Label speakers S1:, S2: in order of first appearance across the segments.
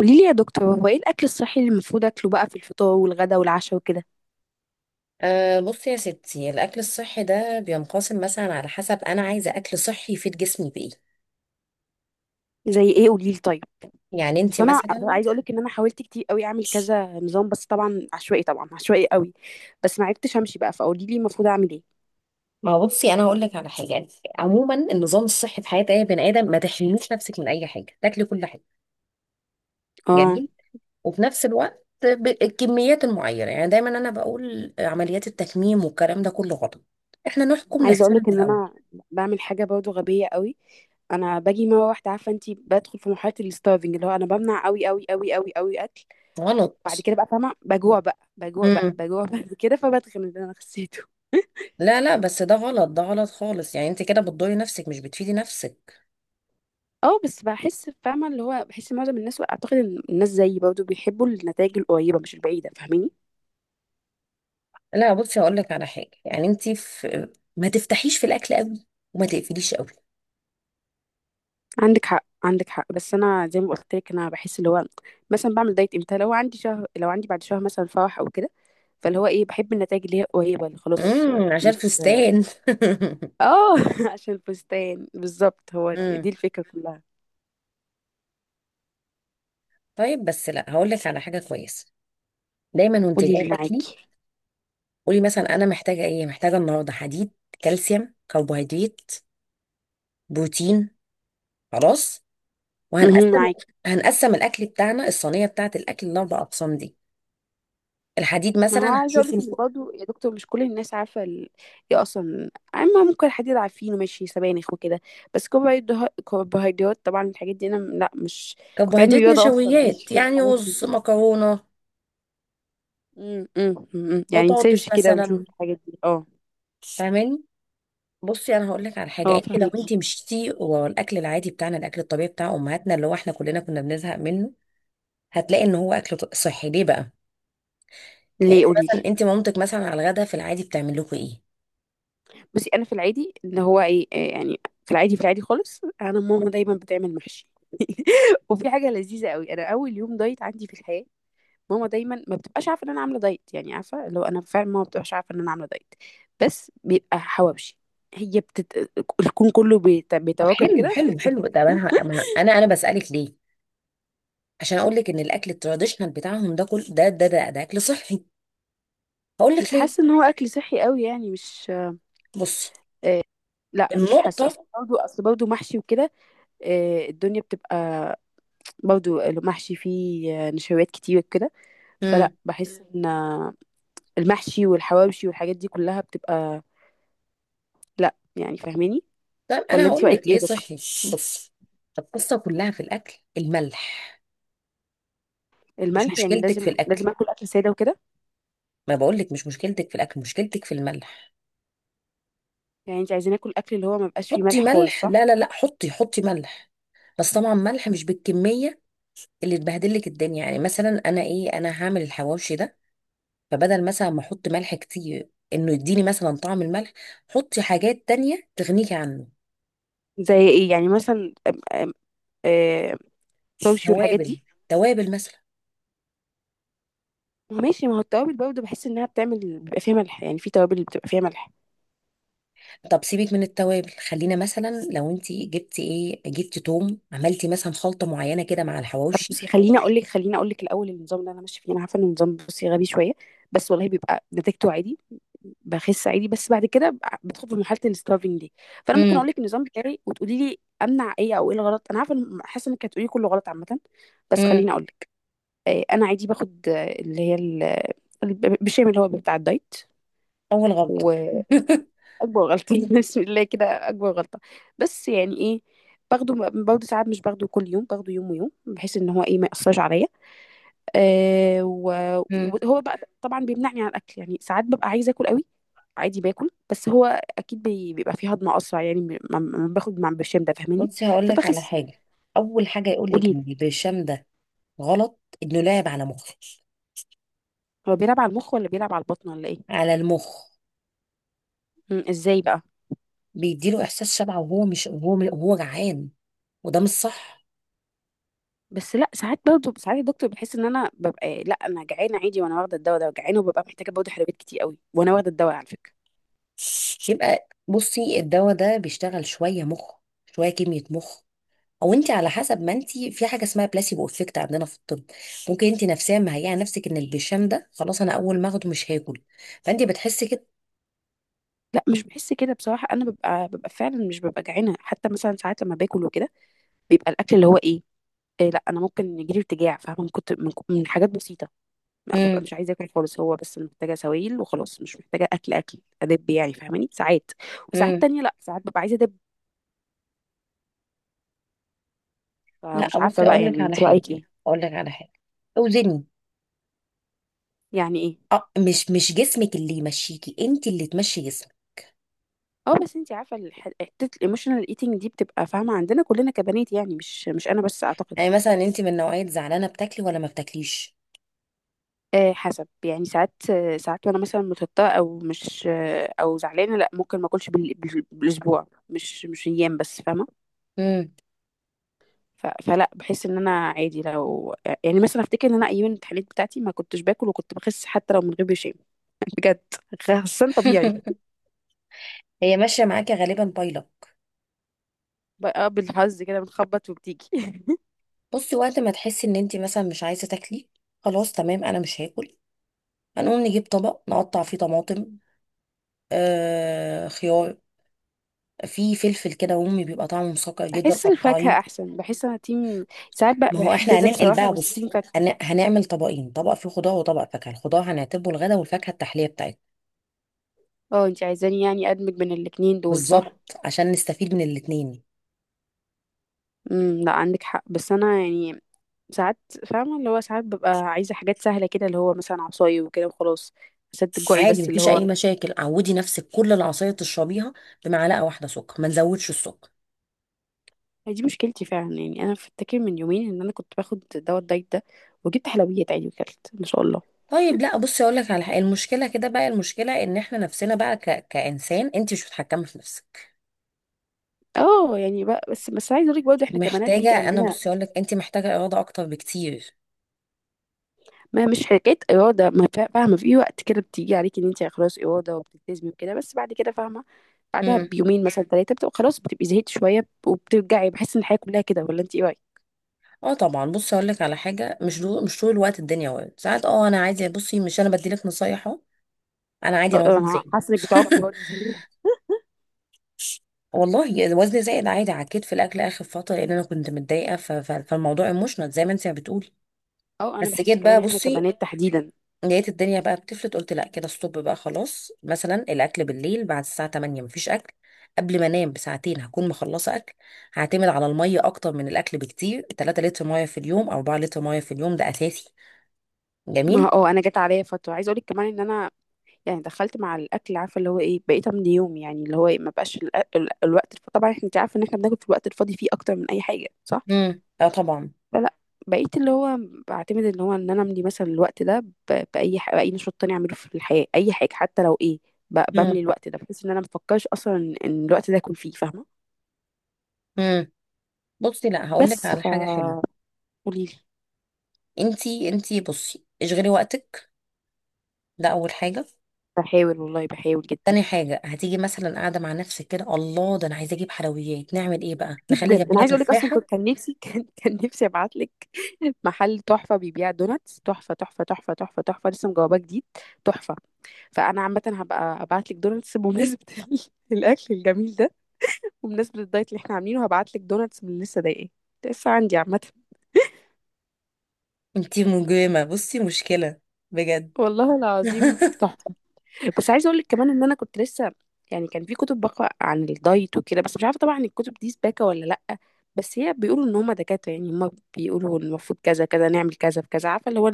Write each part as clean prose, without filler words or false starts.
S1: قولي لي يا دكتور، هو ايه الاكل الصحي اللي المفروض اكله بقى في الفطار والغدا والعشاء وكده؟
S2: أه، بصي يا ستي. الأكل الصحي ده بينقسم مثلا على حسب أنا عايزة أكل صحي يفيد جسمي بإيه.
S1: زي ايه؟ قولي لي طيب.
S2: يعني أنت
S1: بس انا
S2: مثلا.
S1: عايزه اقول لك ان انا حاولت كتير قوي اعمل كذا نظام، بس طبعا عشوائي قوي، بس ما عرفتش امشي بقى، فقولي لي المفروض اعمل ايه؟
S2: ما هو بصي، أنا هقول لك على حاجة. يعني عموما النظام الصحي في حياة أي بني آدم، ما تحرميش نفسك من أي حاجة، تاكلي كل حاجة.
S1: اه،
S2: جميل. وفي نفس الوقت بالكميات المعينة. يعني دايما أنا بقول عمليات التكميم والكلام ده كله غلط، إحنا نحكم
S1: عايزه اقول
S2: نفسنا من
S1: لك ان
S2: الأول.
S1: انا بعمل حاجه برضو غبيه قوي. انا باجي مره واحده عارفه انت، بدخل في مرحله الستارفنج، اللي هو انا بمنع قوي قوي قوي قوي قوي اكل، بعد
S2: غلط.
S1: كده بقى فاهمه، بجوع بقى بجوع بقى
S2: امم.
S1: بجوع بعد كده، فبتخن اللي انا خسيته.
S2: لا لا، بس ده غلط. ده غلط خالص. يعني أنت كده بتضري نفسك مش بتفيدي نفسك.
S1: اه بس بحس، فاهمة اللي هو، بحس معظم الناس واعتقد ان الناس زيي برضه بيحبوا النتائج القريبة مش البعيدة، فاهماني؟
S2: لا بصي، هقول لك على حاجه. يعني انت في، ما تفتحيش في الاكل قوي وما تقفليش قوي.
S1: عندك حق عندك حق، بس انا زي ما قلت لك انا بحس اللي هو، مثلا بعمل دايت امتى؟ لو عندي شهر، لو عندي بعد شهر مثلا فرح او كده، فاللي هو ايه، بحب النتائج اللي هي قريبة، اللي خلاص
S2: عشان
S1: مش.
S2: الفستان
S1: اه عشان الفستان بالظبط، هو
S2: امم.
S1: دي الفكرة كلها.
S2: طيب، بس لا هقول لك على حاجه كويسه. دايما وانت
S1: قولي
S2: جايه
S1: لي
S2: تاكلي،
S1: معاكي.
S2: قولي مثلا: انا محتاجه ايه؟ محتاجه النهارده حديد، كالسيوم، كربوهيدرات، بروتين. خلاص.
S1: مهم،
S2: وهنقسم
S1: معاكي.
S2: هنقسم الاكل بتاعنا، الصينيه بتاعه الاكل، لاربع اقسام دي. الحديد
S1: ما هو
S2: مثلا
S1: عايزه اقول
S2: هشوف
S1: لك ان برضه يا دكتور، مش كل الناس عارفه ال... ايه اصلا، اما ممكن حد يبقى عارفينه ماشي سبانخ وكده. بس كربوهيدرات طبعا، الحاجات دي انا لا مش، كنت علمي
S2: كربوهيدرات
S1: رياضه اصلا، ماليش
S2: نشويات،
S1: في
S2: يعني
S1: الحاجات دي.
S2: رز، مكرونه،
S1: امم امم يعني
S2: بطاطس
S1: نسيرش كده ونشوف
S2: مثلا.
S1: الحاجات دي، اه.
S2: فاهماني؟ بصي، انا هقول لك على حاجه.
S1: اه
S2: لو انت
S1: فهمكي؟
S2: مشيتي ورا الاكل العادي بتاعنا، الاكل الطبيعي بتاع امهاتنا اللي هو احنا كلنا كنا بنزهق منه، هتلاقي ان هو اكل صحي. ليه بقى؟ يعني
S1: ليه؟
S2: انت
S1: قولي لي.
S2: مثلا انت مامتك مثلا على الغدا في العادي بتعمل لكم ايه؟
S1: بصي انا في العادي، ان هو ايه، إيه يعني، في العادي خالص، انا ماما دايما بتعمل محشي وفي حاجه لذيذه قوي، انا اول يوم دايت عندي في الحياه، ماما دايما ما بتبقاش عارفه ان انا عامله دايت، يعني عارفه لو انا فعلا، ماما ما بتبقاش عارفه ان انا عامله دايت، بس بيبقى حواوشي. هي بتت... الكون كله
S2: طب
S1: بيتواكب
S2: حلو
S1: كده
S2: حلو حلو. ده انا انا بسالك ليه. عشان اقول لك ان الاكل التراديشنال بتاعهم ده، كل ده اكل صحي. هقول
S1: مش
S2: لك
S1: حاسه
S2: ليه.
S1: ان هو اكل صحي قوي يعني مش...
S2: بصي،
S1: آه. لا مش حاسه، اصل
S2: النقطه.
S1: برضه اصل برضه محشي وكده. آه، الدنيا بتبقى، برضه المحشي فيه نشويات كتير كده.
S2: امم.
S1: فلا بحس ان المحشي والحواوشي والحاجات دي كلها بتبقى، لا يعني، فاهماني؟
S2: طب
S1: ولا
S2: انا
S1: انت
S2: هقول
S1: رايك
S2: لك
S1: ايه
S2: ليه
S1: ده؟
S2: صحي. بصي، القصه كلها في الاكل، الملح. مش
S1: الملح، يعني
S2: مشكلتك في
S1: لازم
S2: الاكل.
S1: لازم اكل اكل ساده وكده؟
S2: ما بقولك، مش مشكلتك في الاكل، مشكلتك في الملح.
S1: يعني انت عايزين ناكل اكل اللي هو ما بقاش فيه
S2: حطي
S1: ملح خالص،
S2: ملح.
S1: صح؟
S2: لا لا لا، حطي حطي ملح. بس طبعا ملح مش بالكميه اللي تبهدلك الدنيا. يعني مثلا انا هعمل الحواوشي ده، فبدل مثلا ما احط ملح كتير، انه يديني مثلا طعم الملح، حطي حاجات تانية تغنيكي عنه.
S1: زي ايه يعني؟ مثلا آه، توابشي والحاجات
S2: توابل.
S1: دي.
S2: توابل مثلا.
S1: ماشي، ما هو التوابل برضه بحس انها بتعمل، بيبقى فيها ملح، يعني في توابل بتبقى فيها ملح.
S2: طب سيبك من التوابل، خلينا مثلا لو انت جبتي توم، عملتي مثلا خلطة معينة كده مع
S1: طب
S2: الحواوشي.
S1: بصي، خليني اقول لك الاول، النظام اللي انا ماشيه فيه، انا عارفه ان النظام بصي غبي شويه، بس والله بيبقى نتيجته عادي، بخس عادي، بس بعد كده بدخل في مرحله الستارفنج دي. فانا ممكن اقول
S2: امم.
S1: لك النظام بتاعي وتقولي لي امنع ايه، او ايه الغلط. انا عارفه حاسه انك هتقولي كله غلط عامه. بس خليني
S2: امم.
S1: اقول. انا عادي باخد، اللي هي ال- بالشام اللي هو بتاع الدايت،
S2: اول غلطة
S1: واكبر غلطه بسم الله كده اكبر غلطه، بس يعني ايه، باخده، برضه ساعات مش باخده كل يوم، باخده يوم ويوم، بحيث ان هو ايه، ما ياثرش عليا. آه، وهو بقى طبعا بيمنعني عن الاكل، يعني ساعات ببقى عايزه اكل قوي، عادي باكل، بس هو اكيد بيبقى فيه هضم اسرع، يعني ما باخد مع برشام ده، فاهماني؟
S2: بصي هقول لك على
S1: فبخس.
S2: حاجه. اول حاجه يقول لك
S1: قوليلي،
S2: ان البرشام ده غلط، انه لاعب على مخه.
S1: هو بيلعب على المخ ولا بيلعب على البطن ولا ايه؟
S2: على المخ.
S1: مم، ازاي بقى؟
S2: بيديله احساس شبع وهو مش، وهو جعان. وده مش صح.
S1: بس لا ساعات، برضه ساعات الدكتور بيحس ان انا ببقى، لا انا جعانه عادي وانا واخده الدواء ده، جعانه وببقى محتاجه برضه حلويات كتير قوي وانا واخده الدواء على فكره.
S2: يبقى بصي الدواء ده بيشتغل شويه مخ، شويه كميه مخ. او انت على حسب، ما انت في حاجه اسمها بلاسيبو افكت عندنا في الطب. ممكن انت نفسيا مهيئه نفسك ان البرشام ده خلاص، انا اول ما اخده مش هاكل، فانت بتحسي كده.
S1: لا مش بحس كده بصراحه، انا ببقى فعلا، مش ببقى جعانه، حتى مثلا ساعات لما باكل وكده، بيبقى الاكل اللي هو ايه، إيه، لا انا ممكن يجيلي ارتجاع فاهمه، من حاجات بسيطه. لا ببقى
S2: امم.
S1: مش عايزه اكل خالص، هو بس أنا محتاجه سوائل وخلاص، مش محتاجه اكل، اكل ادب يعني، فاهماني؟ ساعات، وساعات
S2: امم.
S1: تانية لا، ساعات ببقى عايزه ادب،
S2: لا
S1: فمش عارفه
S2: بصي،
S1: بقى،
S2: اقول
S1: يعني
S2: لك على
S1: انت
S2: حاجه
S1: رايك ايه؟
S2: اقول لك على حاجه اوزني.
S1: يعني ايه؟
S2: اه، مش جسمك اللي يمشيكي، انت اللي تمشي جسمك.
S1: اه بس انت عارفه حته الايموشنال ايتنج دي بتبقى فاهمه، عندنا كلنا كبنات يعني، مش انا بس اعتقد.
S2: يعني مثلا انت من نوعية زعلانة بتاكلي ولا ما بتاكليش؟
S1: آه حسب، يعني ساعات، ساعات وانا مثلا متوتره او مش، او زعلانه، لا ممكن ما اكلش بالاسبوع، مش ايام بس، فاهمه.
S2: امم
S1: فلا بحس ان انا عادي لو، يعني مثلا افتكر ان انا ايام التحاليل بتاعتي ما كنتش باكل وكنت بخس حتى لو من غير برشام بجد، خسان طبيعي.
S2: هي ماشية معاكي غالبا بايلة.
S1: بقى بالحظ كده بنخبط وبتيجي
S2: بصي، وقت ما تحسي ان انت مثلا مش عايزة تاكلي، خلاص تمام انا مش هاكل. هنقوم نجيب طبق نقطع فيه طماطم، خيار، في فلفل كده امي بيبقى طعمه مسكر جدا،
S1: بحس الفاكهه
S2: قطعيه.
S1: احسن، بحس انا تيم، ساعات بقى
S2: ما هو
S1: بحب
S2: احنا
S1: ده
S2: هننقل
S1: بصراحه،
S2: بقى.
S1: بس تيم
S2: بصي،
S1: فاكهه.
S2: هنعمل طبقين، طبق فيه خضار وطبق فاكهة. الخضار هنعتبه الغدا والفاكهة التحلية بتاعتنا.
S1: اه، انتي عايزاني يعني ادمج بين الاتنين دول، صح؟
S2: بالظبط، عشان نستفيد من الاتنين.
S1: لا عندك حق، بس انا يعني ساعات، فاهمه اللي هو، ساعات ببقى عايزه حاجات سهله كده، اللي هو مثلا عصاي وكده وخلاص، سد الجوعي
S2: عادي،
S1: بس اللي
S2: مفيش
S1: هو.
S2: اي مشاكل. عودي نفسك كل العصاير تشربيها بمعلقه واحده سكر، ما نزودش السكر.
S1: هي دي مشكلتي فعلا، يعني انا فاكر من يومين ان انا كنت باخد دواء الدايت ده، وجبت حلويات عادي وكلت ما شاء الله.
S2: طيب لا، بصي اقول لك على حاجه. المشكله كده بقى، المشكله ان احنا نفسنا بقى، كانسان انت مش متحكمه في نفسك.
S1: اه يعني بقى، بس عايزه اقول لك برضه، احنا كبنات بيجي
S2: انا
S1: عندنا.
S2: بصي اقول لك، انت محتاجه اراده اكتر بكتير.
S1: ما مش حكايه اراده، ما فا- فاهمه في وقت كده بتيجي عليك ان انت خلاص اراده وبتلتزمي وكده، بس بعد كده فاهمه، بعدها
S2: امم.
S1: بيومين مثلا ثلاثه، بتبقى خلاص بتبقي زهقت شويه، وبترجعي بحس ان الحياه كلها كده، ولا انت ايه رايك؟
S2: اه طبعا. بصي اقول لك على حاجه. مش طول الوقت الدنيا ورد. ساعات اه، انا عادي. بصي مش، انا بديلك نصايح اهو. انا عادي
S1: اه،
S2: انا
S1: اه،
S2: وزني
S1: انا
S2: زين
S1: حاسه انك بتعكي برضه زيي.
S2: والله وزني زايد عادي، عكيت في الاكل اخر فتره لان انا كنت متضايقه، فالموضوع ايموشنال زي ما انت بتقولي.
S1: اه انا
S2: بس
S1: بحس
S2: جيت
S1: كمان
S2: بقى
S1: احنا
S2: بصي،
S1: كبنات تحديدا.
S2: لقيت الدنيا بقى بتفلت، قلت لا كده، ستوب بقى خلاص. مثلا الاكل بالليل بعد الساعه 8 مفيش اكل. قبل ما انام بساعتين هكون مخلصه اكل. هعتمد على الميه اكتر من الاكل بكتير، 3 لتر ميه في اليوم او 4 لتر ميه في اليوم، ده اساسي.
S1: ما
S2: جميل.
S1: اه انا جت عليا فتره، عايزه اقول لك كمان ان انا يعني دخلت مع الاكل، عارفه اللي هو ايه، بقيت من يوم يعني، اللي هو ايه، ما بقاش الوقت طبعا احنا، انت عارفه ان احنا بناكل في الوقت الفاضي فيه اكتر من اي حاجه، صح؟
S2: امم. اه طبعا.
S1: لا لا، بقيت اللي هو، بعتمد ان هو ان انا املي مثلا الوقت ده باي نشاط تاني اعمله في الحياه، اي حاجه حتى لو ايه، بملي
S2: امم
S1: الوقت ده، بحيث ان انا مفكرش اصلا ان الوقت ده يكون فيه، فاهمه؟
S2: امم بصي لا هقول لك
S1: بس
S2: على
S1: ف
S2: حاجه حلوه.
S1: قولي لي.
S2: انتي بصي اشغلي وقتك، ده اول حاجه.
S1: بحاول والله بحاول جدا،
S2: تاني حاجة هتيجي مثلا قاعدة مع نفسك كده، الله، ده أنا عايزة أجيب حلويات، نعمل إيه بقى؟ نخلي
S1: جدا انا
S2: جنبنا
S1: عايزه اقول لك، اصلا
S2: تفاحة.
S1: كنت، كان نفسي كان نفسي ابعت لك محل تحفه بيبيع دوناتس، تحفه تحفه تحفه تحفه تحفه، لسه مجاوباه جديد، تحفه. فانا عامه هبقى ابعت لك دوناتس بمناسبه الاكل الجميل ده، وبمناسبة الدايت اللي احنا عاملينه، هبعتلك دوناتس من اللي لسه ضايقاه، لسه عندي عامة.
S2: انتي مجرمة بصي، مشكلة بجد
S1: والله العظيم تحفة. بس عايزة اقولك كمان ان انا كنت لسه، يعني كان في كتب بقرا عن الدايت وكده، بس مش عارفة طبعا الكتب دي سباكة ولا لأ، بس هي بيقولوا ان هما دكاترة يعني، هما بيقولوا إن المفروض كذا كذا نعمل كذا في كذا، عارفة اللي هو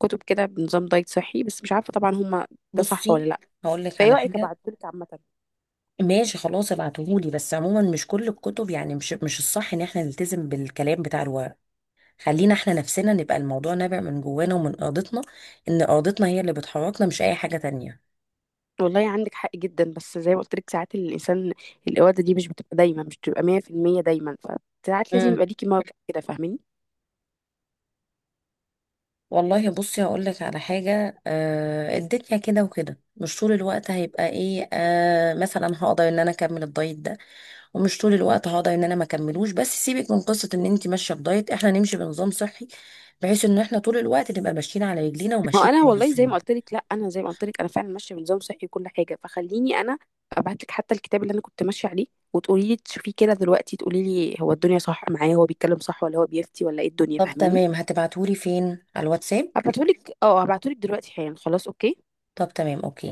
S1: كتب كده بنظام دايت صحي، بس مش عارفة طبعا هما ده صح ولا
S2: بصي
S1: لأ،
S2: هقول لك
S1: فايه
S2: على
S1: رأيك
S2: حاجة.
S1: ابعتهولك عامة؟
S2: ماشي خلاص ابعتهولي. بس عموما مش كل الكتب، يعني مش الصح ان احنا نلتزم بالكلام بتاع الورق. خلينا احنا نفسنا نبقى الموضوع نابع من جوانا ومن ارادتنا. ان ارادتنا هي اللي بتحركنا، مش اي حاجة تانية.
S1: والله عندك حق جدا، بس زي ما قلت لك ساعات الانسان، الاراده دي مش بتبقى دايما، مش بتبقى 100% دايما، فساعات لازم
S2: امم
S1: يبقى ليكي موقف كده، فاهماني؟
S2: والله بصي هقول لك على حاجة، الدنيا كده وكده مش طول الوقت هيبقى ايه، مثلا هقدر ان انا اكمل الدايت ده، ومش طول الوقت هقدر ان انا ما اكملوش. بس سيبك من قصه ان انت ماشيه بدايت، احنا نمشي بنظام صحي، بحيث ان احنا طول الوقت نبقى ماشيين على رجلينا
S1: ما
S2: وماشيين
S1: انا والله زي ما
S2: كويسين.
S1: قلت لك، لا انا زي ما قلت لك انا فعلا ماشيه بنظام صحي وكل حاجه، فخليني انا ابعت لك حتى الكتاب اللي انا كنت ماشيه عليه، وتقولي لي تشوفيه كده دلوقتي، تقولي لي هو الدنيا صح معايا، هو بيتكلم صح ولا هو بيفتي ولا ايه الدنيا،
S2: طب
S1: فاهماني؟
S2: تمام، هتبعتهولي فين، على الواتساب؟
S1: هبعتهولك، هبعتهولك دلوقتي حالا، خلاص اوكي.
S2: طب تمام، اوكي.